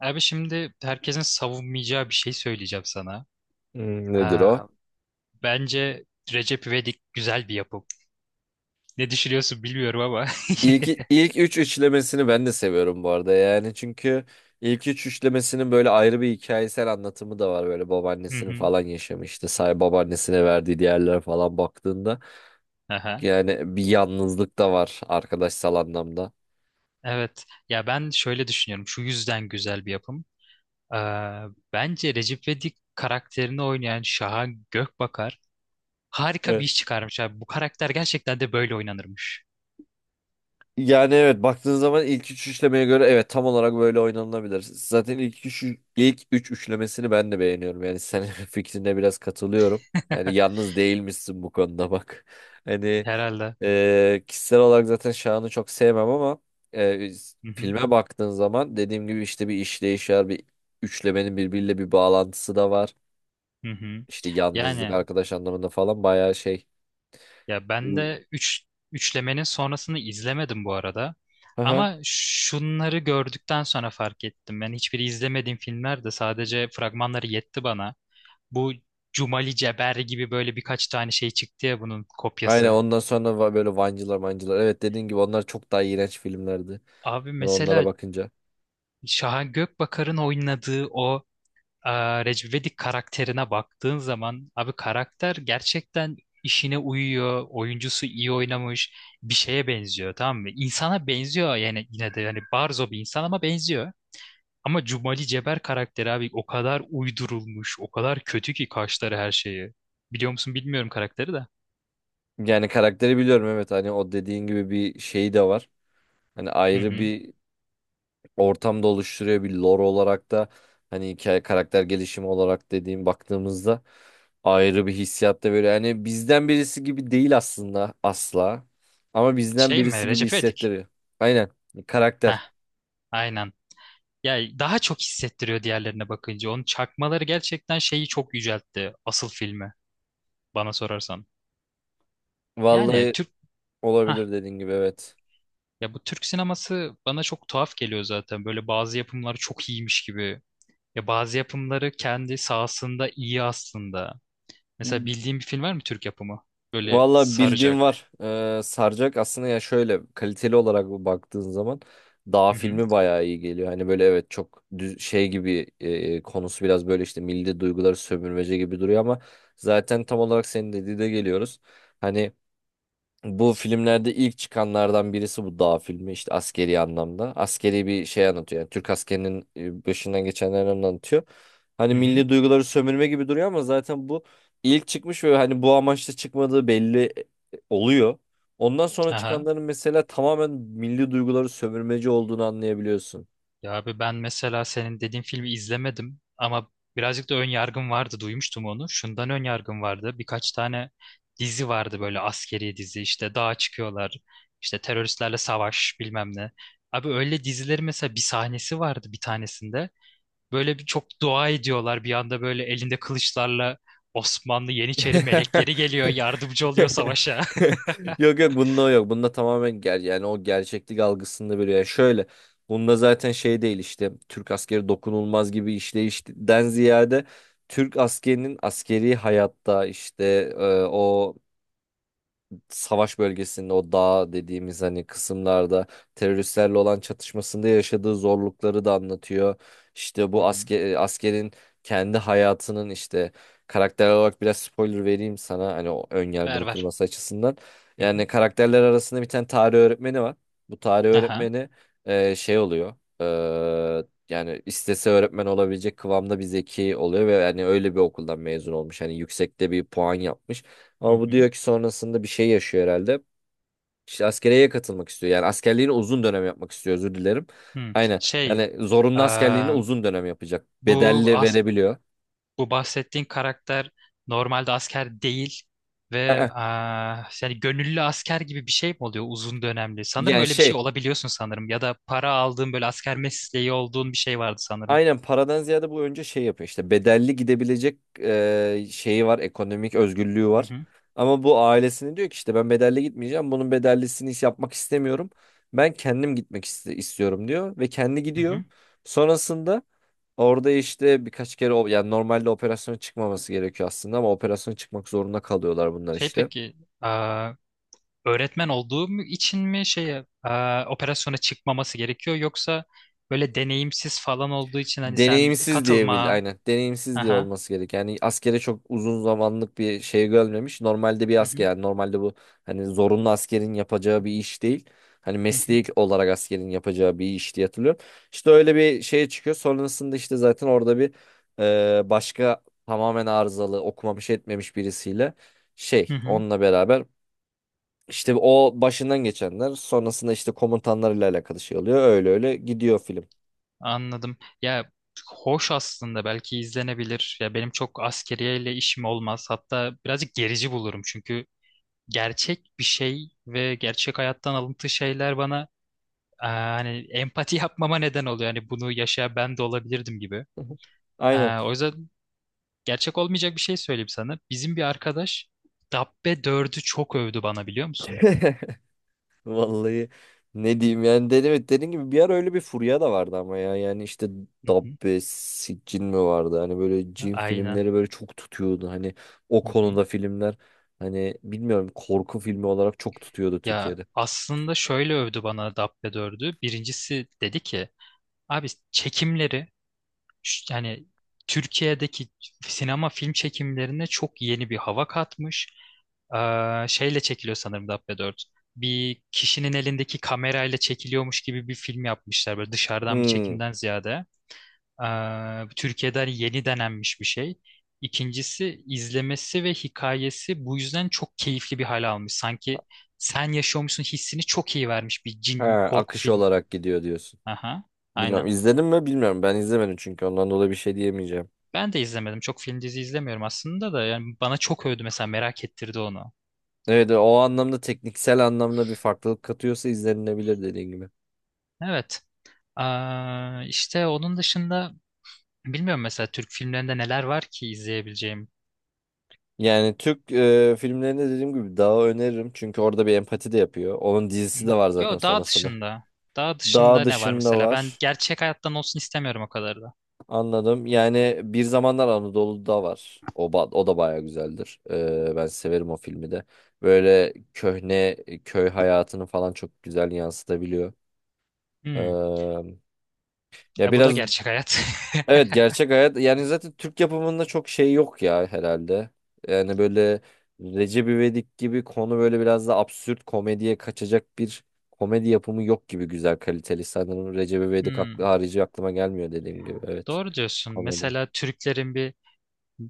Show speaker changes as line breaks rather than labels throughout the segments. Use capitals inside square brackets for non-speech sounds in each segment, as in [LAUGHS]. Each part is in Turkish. Abi şimdi herkesin savunmayacağı bir şey söyleyeceğim sana.
Nedir
Ee,
o?
bence Recep İvedik güzel bir yapım. Ne düşünüyorsun bilmiyorum ama. [LAUGHS]
İlk üç üçlemesini ben de seviyorum bu arada yani çünkü ilk üç üçlemesinin böyle ayrı bir hikayesel anlatımı da var böyle
Hı
babaannesinin
hı.
falan yaşamıştı işte say babaannesine verdiği diğerlere falan baktığında
Aha.
yani bir yalnızlık da var arkadaşsal anlamda.
Evet. Ya ben şöyle düşünüyorum. Şu yüzden güzel bir yapım. Ee, bence Recep İvedik karakterini oynayan Şahan Gökbakar harika bir
Evet.
iş çıkarmış abi. Bu karakter gerçekten de böyle oynanırmış.
Yani evet baktığın zaman ilk üç üçlemeye göre evet tam olarak böyle oynanılabilir. Zaten ilk üç üçlemesini ben de beğeniyorum yani senin [LAUGHS] fikrine biraz katılıyorum. Yani
[LAUGHS]
yalnız değilmişsin bu konuda bak. [LAUGHS] Hani
Herhalde.
Kişisel olarak zaten Şahan'ı çok sevmem ama e,
Hı hı.
filme baktığın zaman dediğim gibi işte bir işleyiş var, bir üçlemenin birbiriyle bir bağlantısı da var.
Hı hı.
İşte yalnızlık
Yani
arkadaş anlamında falan bayağı şey.
ya ben
Hmm.
de üçlemenin sonrasını izlemedim bu arada.
Aha.
Ama şunları gördükten sonra fark ettim. Ben hiçbiri izlemediğim filmler de sadece fragmanları yetti bana. Bu Cumali Ceber gibi böyle birkaç tane şey çıktı ya bunun
Aynen
kopyası.
ondan sonra böyle Vancılar Mancılar. Evet, dediğin gibi onlar çok daha iğrenç filmlerdi.
Abi
Sonra onlara
mesela
bakınca.
Şahan Gökbakar'ın oynadığı o Recep İvedik karakterine baktığın zaman abi karakter gerçekten işine uyuyor. Oyuncusu iyi oynamış. Bir şeye benziyor, tamam mı? İnsana benziyor yani, yine de yani barzo bir insan ama benziyor. Ama Cumali Ceber karakteri abi o kadar uydurulmuş, o kadar kötü ki kaşları, her şeyi. Biliyor musun bilmiyorum karakteri de.
Yani karakteri biliyorum, evet, hani o dediğin gibi bir şey de var. Hani
Hı
ayrı
hı.
bir ortamda oluşturuyor, bir lore olarak da hani hikaye karakter gelişimi olarak dediğim baktığımızda ayrı bir hissiyat da böyle, yani bizden birisi gibi değil aslında asla ama bizden
Şey mi?
birisi gibi
Recep İvedik.
hissettiriyor. Aynen,
Heh,
karakter.
aynen. Ya daha çok hissettiriyor diğerlerine bakınca. Onun çakmaları gerçekten şeyi çok yüceltti, asıl filmi bana sorarsan. Yani
Vallahi
Türk Hah.
olabilir dediğin gibi, evet.
Ya bu Türk sineması bana çok tuhaf geliyor zaten. Böyle bazı yapımları çok iyiymiş gibi. Ya bazı yapımları kendi sahasında iyi aslında. Mesela bildiğin bir film var mı Türk yapımı? Böyle
Valla bildiğim
saracak.
var. Saracak aslında ya, şöyle kaliteli olarak baktığın zaman Dağ
Hı hı.
filmi bayağı iyi geliyor. Hani böyle evet, çok düz, şey gibi konusu biraz böyle işte milli duyguları sömürmece gibi duruyor ama zaten tam olarak senin dediğine geliyoruz. Hani bu filmlerde ilk çıkanlardan birisi bu dağ filmi, işte askeri anlamda. Askeri bir şey anlatıyor. Yani Türk askerinin başından geçenlerini anlatıyor. Hani
Hı hı.
milli duyguları sömürme gibi duruyor ama zaten bu ilk çıkmış ve hani bu amaçla çıkmadığı belli oluyor. Ondan sonra
Aha.
çıkanların mesela tamamen milli duyguları sömürmeci olduğunu anlayabiliyorsun.
Ya abi ben mesela senin dediğin filmi izlemedim ama birazcık da ön yargım vardı, duymuştum onu. Şundan ön yargım vardı. Birkaç tane dizi vardı böyle askeri dizi, işte dağa çıkıyorlar, işte teröristlerle savaş, bilmem ne. Abi öyle dizileri mesela, bir sahnesi vardı bir tanesinde. Böyle bir çok dua ediyorlar, bir anda böyle elinde kılıçlarla Osmanlı
[LAUGHS]
Yeniçeri
[LAUGHS]
melekleri geliyor, yardımcı oluyor savaşa. [LAUGHS]
Yok, yok, bunda o yok. Bunda tamamen yani o gerçeklik algısında böyle, yani şöyle bunda zaten şey değil, işte Türk askeri dokunulmaz gibi işleyişten ziyade Türk askerinin askeri hayatta işte o savaş bölgesinde, o dağ dediğimiz hani kısımlarda teröristlerle olan çatışmasında yaşadığı zorlukları da anlatıyor. İşte
Hı
bu
hı.
asker, askerin kendi hayatının işte karakter olarak, biraz spoiler vereyim sana hani, o ön
Ver
yargını
ver.
kırması açısından.
Hı hı.
Yani karakterler arasında bir tane tarih öğretmeni var. Bu tarih
Aha.
öğretmeni şey oluyor. Yani istese öğretmen olabilecek kıvamda bir zeki oluyor ve yani öyle bir okuldan mezun olmuş. Hani yüksekte bir puan yapmış.
Hı
Ama bu
hı.
diyor ki sonrasında bir şey yaşıyor herhalde. İşte askeriyeye katılmak istiyor. Yani askerliğini uzun dönem yapmak istiyor, özür dilerim.
Hı.
Aynen. Yani zorunlu askerliğini
Eee,
uzun dönem yapacak.
bu
Bedelli verebiliyor.
Bu bahsettiğin karakter normalde asker değil ve
Aa,
yani gönüllü asker gibi bir şey mi oluyor uzun dönemli? Sanırım
yani
öyle bir şey
şey,
olabiliyorsun sanırım, ya da para aldığın böyle asker mesleği olduğun bir şey vardı sanırım.
aynen paradan ziyade bu önce şey yapıyor. İşte bedelli gidebilecek şeyi var. Ekonomik özgürlüğü
Hı
var.
hı,
Ama bu ailesine diyor ki işte ben bedelli gitmeyeceğim. Bunun bedellisini hiç yapmak istemiyorum. Ben kendim gitmek istiyorum diyor. Ve kendi
hı
gidiyor.
hı.
Sonrasında orada işte birkaç kere yani normalde operasyon çıkmaması gerekiyor aslında ama operasyon çıkmak zorunda kalıyorlar bunlar
Şey
işte.
peki, öğretmen olduğum için mi şeye operasyona çıkmaması gerekiyor, yoksa böyle deneyimsiz falan olduğu için hani sen
Deneyimsiz diye bil,
katılma.
aynen, deneyimsiz diye
Aha.
olması gerek. Yani askere çok uzun zamanlık bir şey görmemiş. Normalde bir
Hı
asker,
hı,
yani normalde bu hani zorunlu askerin yapacağı bir iş değil. Hani
hı hı,
mesleki olarak askerin yapacağı bir iş diye hatırlıyorum. İşte öyle bir şeye çıkıyor. Sonrasında işte zaten orada bir başka tamamen arızalı, okumamış etmemiş birisiyle
hı
şey,
hı.
onunla beraber. İşte o başından geçenler sonrasında işte komutanlarıyla alakalı şey oluyor. Öyle öyle gidiyor film.
Anladım. Ya hoş aslında, belki izlenebilir. Ya benim çok askeriyeyle işim olmaz. Hatta birazcık gerici bulurum çünkü gerçek bir şey ve gerçek hayattan alıntı şeyler bana hani empati [LAUGHS] yapmama neden oluyor. Hani bunu yaşayan ben de olabilirdim gibi.
Hı hı. Aynen.
O yüzden gerçek olmayacak bir şey söyleyeyim sana. Bizim bir arkadaş Dabbe dördü çok övdü bana, biliyor musun?
[LAUGHS] Vallahi ne diyeyim, yani dedim, evet, dediğim gibi bir ara öyle bir furya da vardı ama ya, yani işte
Hı hı.
Dabbe, cin mi vardı, hani böyle cin
Aynen.
filmleri böyle çok tutuyordu, hani o
Hı hı.
konuda filmler, hani bilmiyorum, korku filmi olarak çok tutuyordu
Ya
Türkiye'de.
aslında şöyle övdü bana Dabbe dördü. Birincisi dedi ki abi çekimleri, yani Türkiye'deki sinema film çekimlerine çok yeni bir hava katmış. Şeyle çekiliyor sanırım Dabbe dört. Bir kişinin elindeki kamerayla çekiliyormuş gibi bir film yapmışlar, böyle dışarıdan bir
Hmm.
çekimden ziyade. Türkiye'de hani yeni denenmiş bir şey. İkincisi, izlemesi ve hikayesi bu yüzden çok keyifli bir hale almış. Sanki sen yaşıyormuşsun hissini çok iyi vermiş bir cin
Ha,
korku
akış
filmi.
olarak gidiyor diyorsun.
Aha,
Bilmiyorum,
aynen.
izledim mi bilmiyorum, ben izlemedim çünkü ondan dolayı bir şey diyemeyeceğim.
Ben de izlemedim. Çok film dizi izlemiyorum aslında da. Yani bana çok övdü, mesela merak ettirdi onu.
Evet, o anlamda, tekniksel anlamda bir farklılık katıyorsa izlenilebilir dediğin gibi.
Evet. İşte onun dışında bilmiyorum mesela Türk filmlerinde neler var ki izleyebileceğim.
Yani Türk filmlerinde dediğim gibi Dağ'ı öneririm. Çünkü orada bir empati de yapıyor. Onun
Hı?
dizisi de var zaten
Yo, daha
sonrasında.
dışında. Daha
Dağ
dışında ne var
dışında
mesela? Ben
var.
gerçek hayattan olsun istemiyorum o kadar da.
Anladım. Yani Bir Zamanlar Anadolu'da var. O, o da bayağı güzeldir. Ben severim o filmi de. Böyle köhne köy hayatını falan çok güzel yansıtabiliyor.
Hmm.
E, Ya
E bu da
biraz.
gerçek hayat. [LAUGHS]
Evet, gerçek hayat, yani zaten Türk yapımında çok şey yok ya herhalde. Yani böyle Recep İvedik gibi konu, böyle biraz da absürt komediye kaçacak bir komedi yapımı yok gibi güzel kaliteli. Sanırım Recep İvedik aklı
Hmm.
harici aklıma gelmiyor, dediğim gibi, evet,
Doğru diyorsun.
komedi.
Mesela Türklerin bir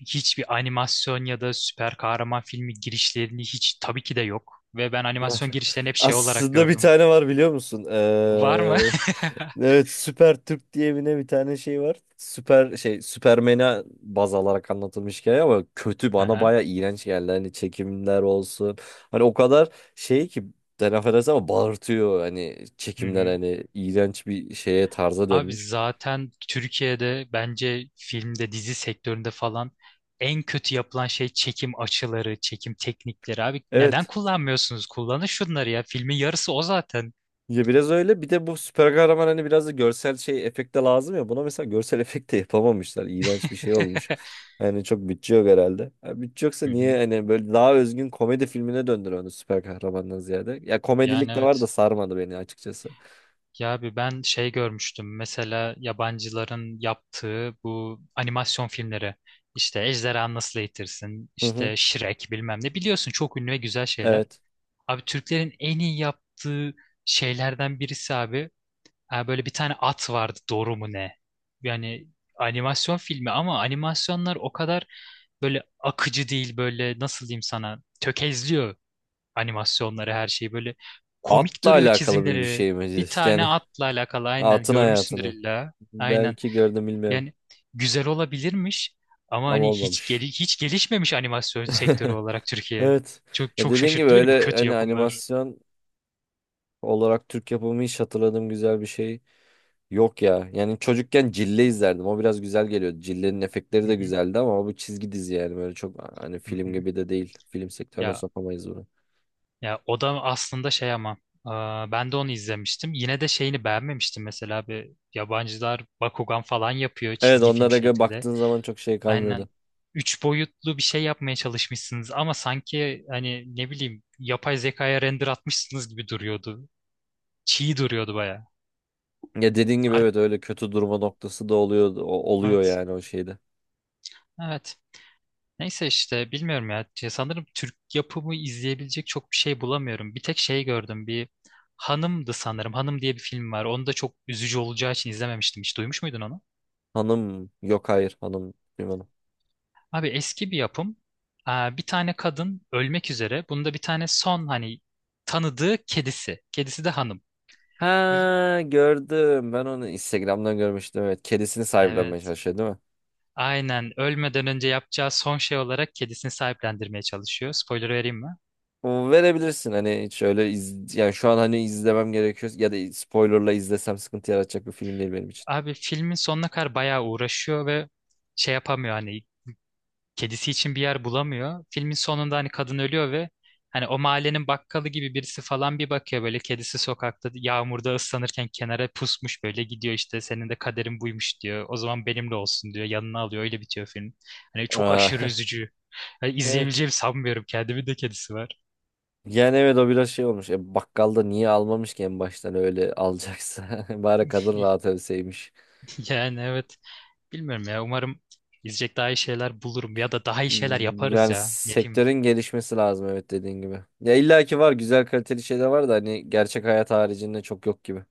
Hiçbir animasyon ya da süper kahraman filmi girişlerini hiç, tabii ki de yok. Ve ben animasyon girişlerini hep şey olarak
Aslında bir
gördüm.
tane var, biliyor musun?
Var mı?
Evet, Süper Türk diye bir tane şey var. Süper şey, Süpermen'e baz alarak anlatılmış hikaye ama kötü,
[LAUGHS]
bana
Aha.
baya iğrenç geldi. Hani çekimler olsun. Hani o kadar şey ki ben affedersin ama bağırtıyor, hani
Hı
çekimler
hı.
hani iğrenç bir şeye, tarza
Abi
dönmüş.
zaten Türkiye'de bence filmde, dizi sektöründe falan en kötü yapılan şey çekim açıları, çekim teknikleri. Abi neden
Evet.
kullanmıyorsunuz? Kullanın şunları ya. Filmin yarısı o zaten.
Ya biraz öyle. Bir de bu süper kahraman hani biraz da görsel şey efekte lazım ya. Buna mesela görsel [LAUGHS] efekte yapamamışlar. İğrenç bir şey olmuş.
[LAUGHS]
Yani çok bütçe yok herhalde. Ya bütçe yoksa
Hı
niye
hı.
hani böyle daha özgün komedi filmine döndür onu süper kahramandan ziyade. Ya
Yani
komedilik de var da
evet.
sarmadı beni açıkçası.
Ya abi ben şey görmüştüm. Mesela yabancıların yaptığı bu animasyon filmleri. İşte Ejderha Nasıl Eğitirsin,
Hı hı.
işte Shrek bilmem ne. Biliyorsun, çok ünlü ve güzel şeyler.
Evet.
Abi Türklerin en iyi yaptığı şeylerden birisi abi. Ha, böyle bir tane at vardı, doğru mu ne? Yani animasyon filmi, ama animasyonlar o kadar böyle akıcı değil, böyle nasıl diyeyim sana, tökezliyor animasyonları, her şeyi, böyle komik
Atla
duruyor
alakalı bir
çizimleri.
şey
Bir
mi? [LAUGHS]
tane
Yani
atla alakalı, aynen,
atın
görmüşsündür
hayatını.
illa. Aynen,
Belki gördüm bilmiyorum.
yani güzel olabilirmiş ama
Ama
hani
olmamış.
hiç gelişmemiş animasyon sektörü
[LAUGHS]
olarak Türkiye.
Evet.
Çok
Ya
çok
dediğin gibi
şaşırttı beni bu
öyle
kötü
hani
yapımlar.
animasyon olarak Türk yapımı hiç hatırladığım güzel bir şey yok ya. Yani çocukken Cille izlerdim. O biraz güzel geliyordu. Cille'nin efektleri de güzeldi ama bu çizgi dizi, yani böyle çok hani
Hı
film
hı.
gibi de değil. Film sektörüne
Ya
sokamayız bunu.
ya o da aslında şey ama ben de onu izlemiştim. Yine de şeyini beğenmemiştim, mesela bir yabancılar Bakugan falan yapıyor
Evet,
çizgi film
onlara göre
şeklinde.
baktığın zaman çok şey
Aynen,
kalmıyordu.
üç boyutlu bir şey yapmaya çalışmışsınız ama sanki hani ne bileyim yapay zekaya render atmışsınız gibi duruyordu. Çiğ duruyordu baya.
Ya dediğin gibi
Ar-
evet, öyle kötü durma noktası da oluyor
evet.
yani, o şeyde.
Evet. Neyse işte bilmiyorum ya. Ya sanırım Türk yapımı izleyebilecek çok bir şey bulamıyorum. Bir tek şey gördüm. Hanım'dı sanırım. Hanım diye bir film var. Onu da çok üzücü olacağı için izlememiştim. Hiç duymuş muydun onu?
Hanım yok, hayır, hanım duymadım.
Abi eski bir yapım. Aa, bir tane kadın ölmek üzere. Bunda bir tane son hani tanıdığı kedisi. Kedisi de Hanım.
Ha, gördüm. Ben onu Instagram'dan görmüştüm, evet. Kedisini sahiplenmeye
Evet.
çalışıyor değil mi?
Aynen. Ölmeden önce yapacağı son şey olarak kedisini sahiplendirmeye çalışıyor. Spoiler vereyim mi?
O verebilirsin, hani hiç öyle yani şu an hani izlemem gerekiyor ya da spoilerla izlesem sıkıntı yaratacak bir film değil benim için.
Abi filmin sonuna kadar bayağı uğraşıyor ve şey yapamıyor, hani kedisi için bir yer bulamıyor. Filmin sonunda hani kadın ölüyor ve hani o mahallenin bakkalı gibi birisi falan bir bakıyor böyle, kedisi sokakta yağmurda ıslanırken kenara pusmuş, böyle gidiyor, işte senin de kaderin buymuş diyor. O zaman benimle olsun diyor. Yanına alıyor, öyle bitiyor film. Hani çok
Aa,
aşırı
[LAUGHS]
üzücü. Yani
evet.
izleyebileceğimi sanmıyorum. Kendimin de kedisi var.
Yani evet o biraz şey olmuş. Bakkalda niye almamış ki en baştan öyle alacaksa? [LAUGHS] Bari kadın
[LAUGHS]
rahat ölseymiş.
Yani evet. Bilmiyorum ya. Umarım izleyecek daha iyi şeyler bulurum, ya da daha iyi şeyler yaparız
Yani
ya. Ne diyeyim?
sektörün gelişmesi lazım, evet, dediğin gibi. Ya illaki var, güzel kaliteli şeyler var da hani gerçek hayat haricinde çok yok gibi.